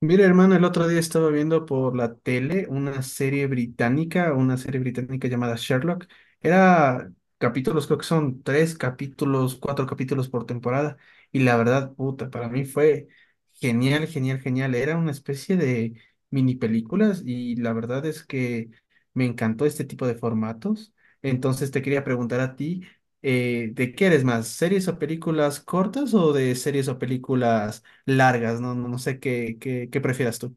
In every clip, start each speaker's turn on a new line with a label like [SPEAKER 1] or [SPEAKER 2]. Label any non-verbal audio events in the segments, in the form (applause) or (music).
[SPEAKER 1] Mira, hermano, el otro día estaba viendo por la tele una serie británica llamada Sherlock. Era Capítulos, creo que son tres capítulos, cuatro capítulos por temporada. Y la verdad, puta, para mí fue genial, genial, genial. Era una especie de mini películas y la verdad es que me encantó este tipo de formatos. Entonces te quería preguntar a ti, ¿de qué eres más? ¿Series o películas cortas o de series o películas largas? ¿No? No, no sé qué prefieras tú.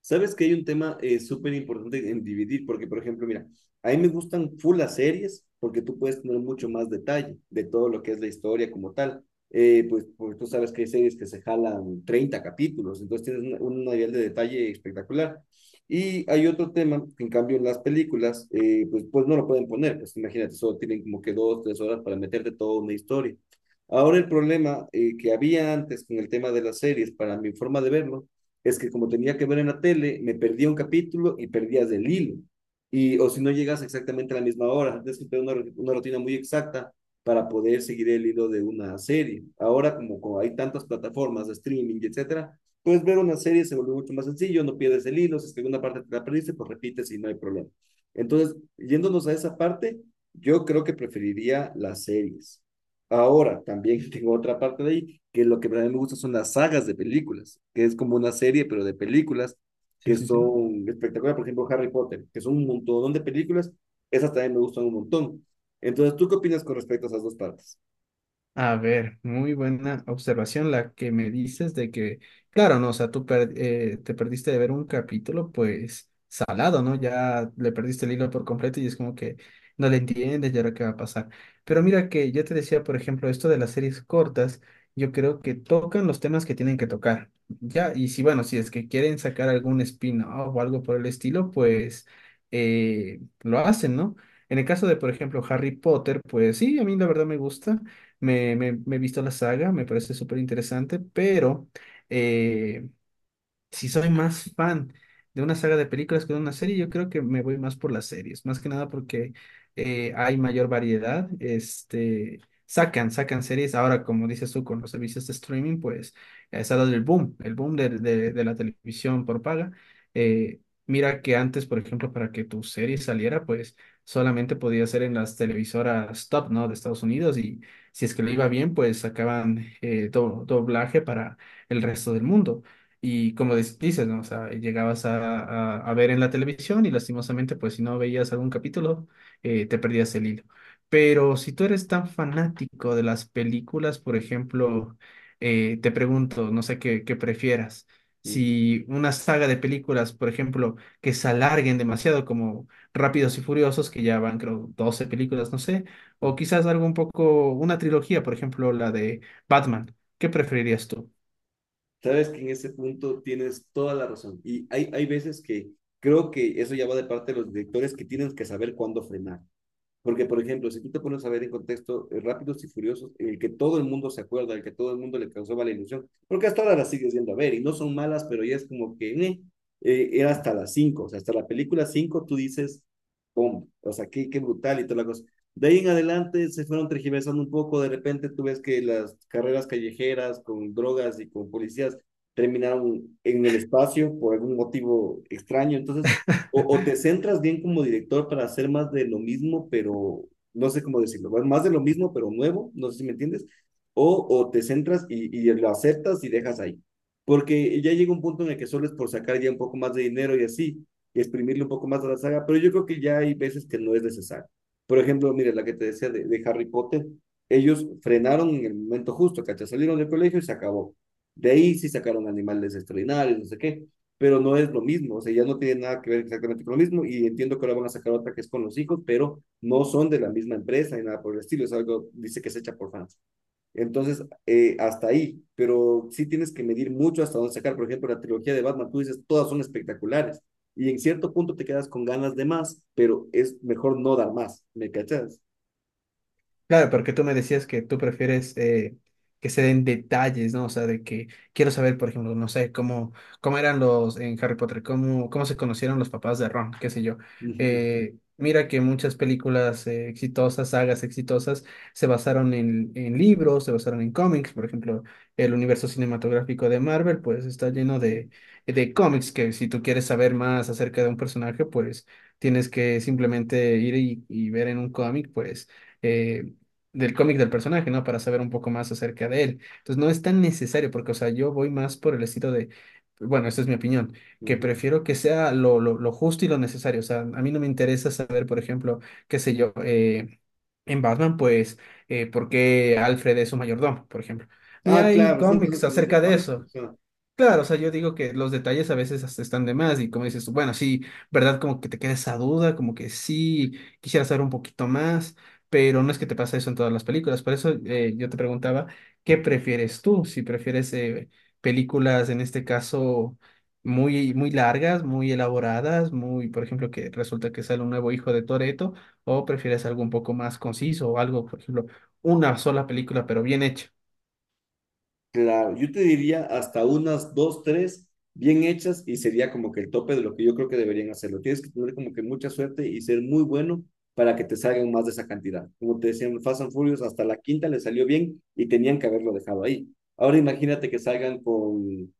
[SPEAKER 2] Sabes que hay un tema súper importante en dividir, porque, por ejemplo, mira, a mí me gustan full las series porque tú puedes tener mucho más detalle de todo lo que es la historia como tal. Pues, porque tú sabes que hay series que se jalan 30 capítulos, entonces tienes un nivel de detalle espectacular. Y hay otro tema que, en cambio, en las películas, pues no lo pueden poner, pues imagínate, solo tienen como que dos, tres horas para meterte toda una historia. Ahora el problema que había antes con el tema de las series, para mi forma de verlo, es que como tenía que ver en la tele, me perdía un capítulo y perdías el hilo. Y, o si no llegas exactamente a la misma hora, tienes que tener una rutina muy exacta para poder seguir el hilo de una serie. Ahora, como hay tantas plataformas de streaming, etcétera, puedes ver una serie, se vuelve mucho más sencillo, no pierdes el hilo, si es que alguna parte te la perdiste, pues repites y no hay problema. Entonces, yéndonos a esa parte, yo creo que preferiría las series. Ahora, también (laughs) tengo otra parte de ahí, que lo que a mí me gusta son las sagas de películas, que es como una serie, pero de películas
[SPEAKER 1] Sí,
[SPEAKER 2] que
[SPEAKER 1] sí, sí.
[SPEAKER 2] son espectaculares. Por ejemplo, Harry Potter, que son un montón de películas, esas también me gustan un montón. Entonces, ¿tú qué opinas con respecto a esas dos partes?
[SPEAKER 1] A ver, muy buena observación la que me dices de que, claro, no, o sea, te perdiste de ver un capítulo, pues salado, ¿no? Ya le perdiste el hilo por completo y es como que no le entiendes y ahora qué va a pasar. Pero mira que yo te decía, por ejemplo, esto de las series cortas, yo creo que tocan los temas que tienen que tocar, ¿ya? Y si, bueno, si es que quieren sacar algún spin-off o algo por el estilo, pues lo hacen, ¿no? En el caso de, por ejemplo, Harry Potter, pues sí, a mí la verdad me gusta. Me he visto la saga, me parece súper interesante, pero eh, si soy más fan de una saga de películas que de una serie, yo creo que me voy más por las series, más que nada porque hay mayor variedad, este, sacan series, ahora como dices tú con los servicios de streaming, pues se ha dado el boom, el boom de la televisión por paga. Eh, Mira que antes, por ejemplo, para que tu serie saliera, pues solamente podía ser en las televisoras top, ¿no? De Estados Unidos y si es que le iba bien, pues sacaban doblaje para el resto del mundo. Y como dices, ¿no? O sea, llegabas a ver en la televisión y lastimosamente, pues si no veías algún capítulo, te perdías el hilo. Pero si tú eres tan fanático de las películas, por ejemplo, te pregunto, no sé qué prefieras.
[SPEAKER 2] Ujú.
[SPEAKER 1] Si una saga de películas, por ejemplo, que se alarguen demasiado, como Rápidos y Furiosos, que ya van, creo, 12 películas, no sé, o
[SPEAKER 2] Ujú.
[SPEAKER 1] quizás algo un poco, una trilogía, por ejemplo, la de Batman, ¿qué preferirías tú?
[SPEAKER 2] Sabes que en ese punto tienes toda la razón. Y hay veces que creo que eso ya va de parte de los directores que tienen que saber cuándo frenar. Porque, por ejemplo, si tú te pones a ver en contexto Rápidos y Furiosos, el que todo el mundo se acuerda, el que todo el mundo le causó mala ilusión, porque hasta ahora las sigues viendo a ver y no son malas, pero ya es como que era hasta las cinco, o sea, hasta la película 5 tú dices, ¡pum! O sea, qué, qué brutal y toda la cosa. De ahí en adelante se fueron tergiversando un poco, de repente tú ves que las carreras callejeras con drogas y con policías terminaron en el espacio por algún motivo extraño, entonces o te centras bien como director para hacer más de lo mismo, pero no sé cómo decirlo, más de lo mismo, pero nuevo, no sé si me entiendes, o te centras y lo aceptas y dejas ahí. Porque ya llega un punto en el que solo es por sacar ya un poco más de dinero y así, y exprimirle un poco más a la saga, pero yo creo que ya hay veces que no es necesario. Por ejemplo, mire, la que te decía de Harry Potter, ellos frenaron en el momento justo, ¿cachai? Salieron del colegio y se acabó. De ahí sí sacaron animales extraordinarios, no sé qué, pero no es lo mismo, o sea, ya no tiene nada que ver exactamente con lo mismo y entiendo que ahora van a sacar otra que es con los hijos, pero no son de la misma empresa ni nada por el estilo, es algo, dice que es hecha por fans. Entonces, hasta ahí, pero sí tienes que medir mucho hasta dónde sacar, por ejemplo, la trilogía de Batman, tú dices, todas son espectaculares y en cierto punto te quedas con ganas de más, pero es mejor no dar más, ¿me cachas?
[SPEAKER 1] Claro, porque tú me decías que tú prefieres que se den detalles, ¿no? O sea, de que quiero saber, por ejemplo, no sé, cómo eran los en Harry Potter, cómo se conocieron los papás de Ron, qué sé yo.
[SPEAKER 2] Ujú,
[SPEAKER 1] Mira que muchas películas exitosas, sagas exitosas, se basaron en libros, se basaron en cómics, por ejemplo, el universo cinematográfico de Marvel, pues está lleno
[SPEAKER 2] ujú,
[SPEAKER 1] de cómics que si tú quieres saber más acerca de un personaje, pues tienes que simplemente ir y ver en un cómic, pues, eh, del cómic del personaje, ¿no? Para saber un poco más acerca de él. Entonces, no es tan necesario porque, o sea, yo voy más por el estilo de, bueno, esta es mi opinión, que
[SPEAKER 2] ujú.
[SPEAKER 1] prefiero que sea lo justo y lo necesario. O sea, a mí no me interesa saber, por ejemplo, qué sé yo, en Batman, pues, por qué Alfred es su mayordomo, por ejemplo. Ni
[SPEAKER 2] Ah,
[SPEAKER 1] hay
[SPEAKER 2] claro, son cosas
[SPEAKER 1] cómics
[SPEAKER 2] que no se
[SPEAKER 1] acerca de
[SPEAKER 2] valen.
[SPEAKER 1] eso. Claro, o sea, yo digo que los detalles a veces hasta están de más y como dices tú, bueno, sí, ¿verdad? Como que te queda esa duda, como que sí, quisiera saber un poquito más, pero no es que te pasa eso en todas las películas. Por eso yo te preguntaba, ¿qué prefieres tú? Si prefieres películas, en este caso, muy, muy largas, muy elaboradas, por ejemplo, que resulta que sale un nuevo hijo de Toreto, o prefieres algo un poco más conciso o algo, por ejemplo, una sola película, pero bien hecha.
[SPEAKER 2] Claro, yo te diría hasta unas dos, tres bien hechas y sería como que el tope de lo que yo creo que deberían hacerlo. Tienes que tener como que mucha suerte y ser muy bueno para que te salgan más de esa cantidad. Como te decían, Fast and Furious hasta la quinta le salió bien y tenían que haberlo dejado ahí. Ahora imagínate que salgan con,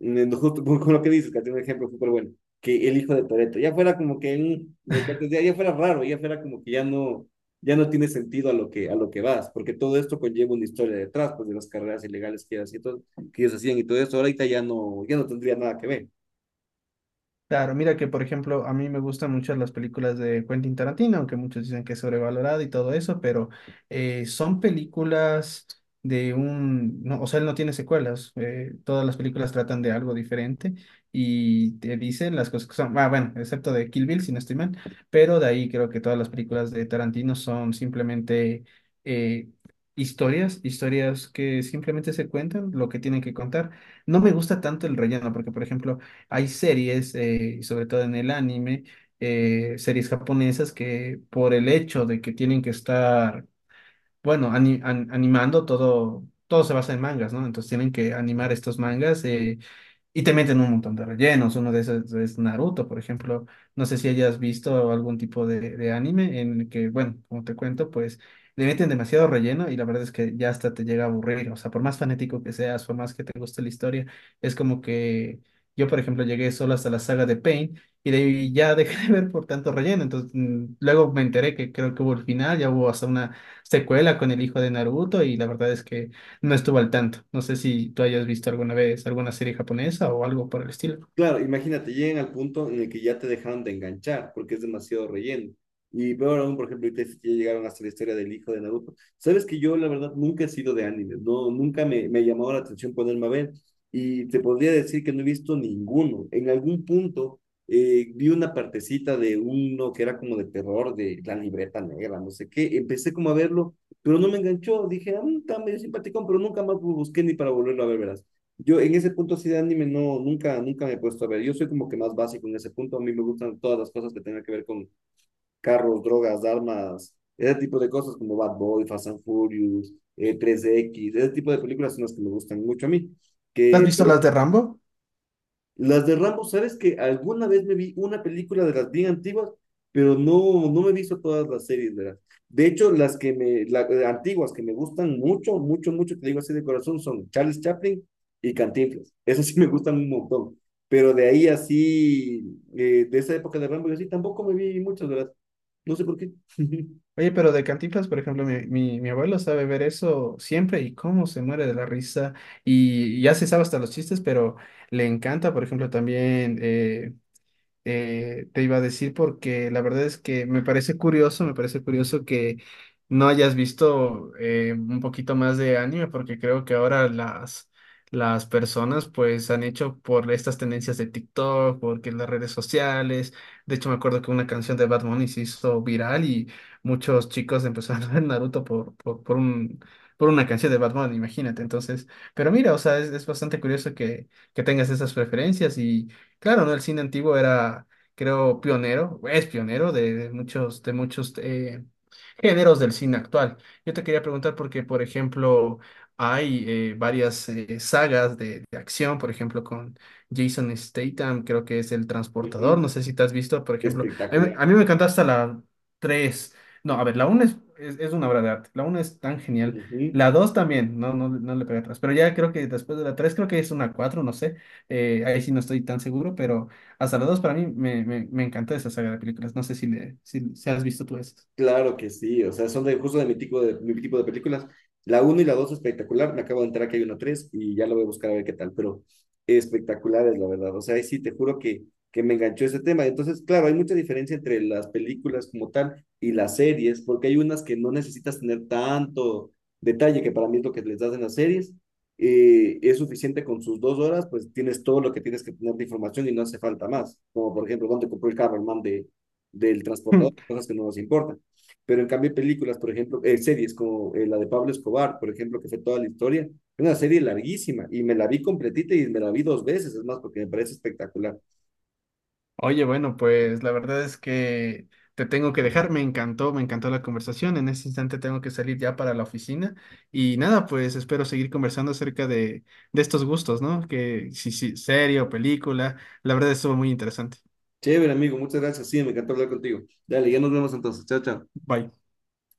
[SPEAKER 2] justo (laughs) con lo que dices, que tiene un ejemplo súper bueno, que el hijo de Toretto ya fuera como que un, como que antes ya fuera raro, ya fuera como que ya no tiene sentido a lo que vas, porque todo esto conlleva una historia detrás, pues de las carreras ilegales que, que ellos hacían y todo esto ahorita ya no, ya no tendría nada que ver.
[SPEAKER 1] Claro, mira que por ejemplo a mí me gustan mucho las películas de Quentin Tarantino, aunque muchos dicen que es sobrevalorado y todo eso, pero son películas no, o sea, él no tiene secuelas, todas las películas tratan de algo diferente y te dicen las cosas que son, ah, bueno, excepto de Kill Bill, si no estoy mal, pero de ahí creo que todas las películas de Tarantino son simplemente eh, historias, historias que simplemente se cuentan lo que tienen que contar. No me gusta tanto el relleno, porque por ejemplo hay series, y sobre todo en el anime, series japonesas que por el hecho de que tienen que estar, bueno, animando todo, todo se basa en mangas, ¿no? Entonces tienen que animar estos mangas. Y te meten un montón de rellenos. Uno de esos es Naruto, por ejemplo. No sé si hayas visto algún tipo de anime en el que, bueno, como te cuento, pues le meten demasiado relleno y la verdad es que ya hasta te llega a aburrir. O sea, por más fanático que seas, por más que te guste la historia, es como que yo, por ejemplo, llegué solo hasta la saga de Pain y de ahí ya (laughs) dejé de ver por tanto relleno. Entonces, luego me enteré que creo que hubo el final, ya hubo hasta una secuela con el hijo de Naruto y la verdad es que no estuve al tanto. No sé si tú hayas visto alguna vez alguna serie japonesa o algo por el estilo.
[SPEAKER 2] Claro, imagínate, llegan al punto en el que ya te dejaron de enganchar porque es demasiado relleno. Y peor aún, por ejemplo, ahorita sí que ya llegaron hasta la historia del hijo de Naruto. Sabes que yo, la verdad, nunca he sido de anime, no, nunca me ha llamado la atención ponerme a ver. Y te podría decir que no he visto ninguno. En algún punto vi una partecita de uno que era como de terror, de la libreta negra, no sé qué. Empecé como a verlo, pero no me enganchó. Dije, ah, está medio simpaticón, pero nunca más busqué ni para volverlo a ver, verás. Yo en ese punto sí de anime no, nunca, nunca me he puesto a ver. Yo soy como que más básico en ese punto. A mí me gustan todas las cosas que tengan que ver con carros, drogas, armas, ese tipo de cosas como Bad Boy, Fast and Furious, 3X, ese tipo de películas son las que me gustan mucho a mí.
[SPEAKER 1] ¿Tú ¿Has
[SPEAKER 2] Que,
[SPEAKER 1] visto
[SPEAKER 2] pero
[SPEAKER 1] las de Rambo?
[SPEAKER 2] las de Rambo, ¿sabes que alguna vez me vi una película de las bien antiguas, pero no, no me he visto todas las series, ¿verdad? De hecho, las que antiguas que me gustan mucho, mucho, mucho, te digo así de corazón, son Charles Chaplin y Cantinflas. Esas sí me gustan un montón. Pero de ahí así, de esa época de Rambo, yo sí tampoco me vi muchas, ¿verdad? No sé por qué. (laughs)
[SPEAKER 1] Oye, pero de Cantinflas, por ejemplo, mi abuelo sabe ver eso siempre y cómo se muere de la risa. Y ya se sabe hasta los chistes, pero le encanta, por ejemplo, también te iba a decir porque la verdad es que me parece curioso que no hayas visto un poquito más de anime porque creo que ahora las personas pues han hecho por estas tendencias de TikTok, porque las redes sociales, de hecho me acuerdo que una canción de Bad Bunny se hizo viral y muchos chicos empezaron a ver Naruto por una canción de Bad Bunny, imagínate. Entonces, pero mira, o sea, es bastante curioso que tengas esas preferencias y claro, ¿no? El cine antiguo era, creo, pionero, es pionero de muchos géneros del cine actual. Yo te quería preguntar porque, por ejemplo, hay varias sagas de acción, por ejemplo, con Jason Statham, creo que es El Transportador,
[SPEAKER 2] Ujú.
[SPEAKER 1] no sé si te has visto, por ejemplo,
[SPEAKER 2] Espectacular.
[SPEAKER 1] a mí me encanta hasta la 3, no, a ver, la uno es, una obra de arte, la uno es tan genial,
[SPEAKER 2] Ujú.
[SPEAKER 1] la 2 también, no, no, no le pega atrás, pero ya creo que después de la 3 creo que es una 4, no sé. Ahí sí no estoy tan seguro, pero hasta las dos para mí me, me encanta esa saga de películas. No sé si, le, si, si has visto tú esas.
[SPEAKER 2] Claro que sí, o sea, son de, justo de mi tipo de, mi tipo de películas. La uno y la 2 espectacular, me acabo de enterar que hay una 3 y ya lo voy a buscar a ver qué tal, pero espectacular es la verdad, o sea, ahí sí te juro que me enganchó ese tema. Entonces, claro, hay mucha diferencia entre las películas como tal y las series, porque hay unas que no necesitas tener tanto detalle, que para mí es lo que les das en las series, es suficiente con sus 2 horas, pues tienes todo lo que tienes que tener de información y no hace falta más, como por ejemplo, dónde compró el carro el man del transportador,
[SPEAKER 1] (laughs)
[SPEAKER 2] cosas que no nos importan. Pero en cambio, películas, por ejemplo, series como la de Pablo Escobar, por ejemplo, que fue toda la historia, es una serie larguísima y me la vi completita y me la vi 2 veces, es más, porque me parece espectacular.
[SPEAKER 1] Oye, bueno, pues la verdad es que te tengo que dejar. Me encantó la conversación. En este instante tengo que salir ya para la oficina. Y nada, pues espero seguir conversando acerca de estos gustos, ¿no? Que si, si, serie o película. La verdad estuvo muy interesante.
[SPEAKER 2] Chévere, amigo, muchas gracias. Sí, me encantó hablar contigo. Dale, ya nos vemos entonces. Chao, chao.
[SPEAKER 1] Bye.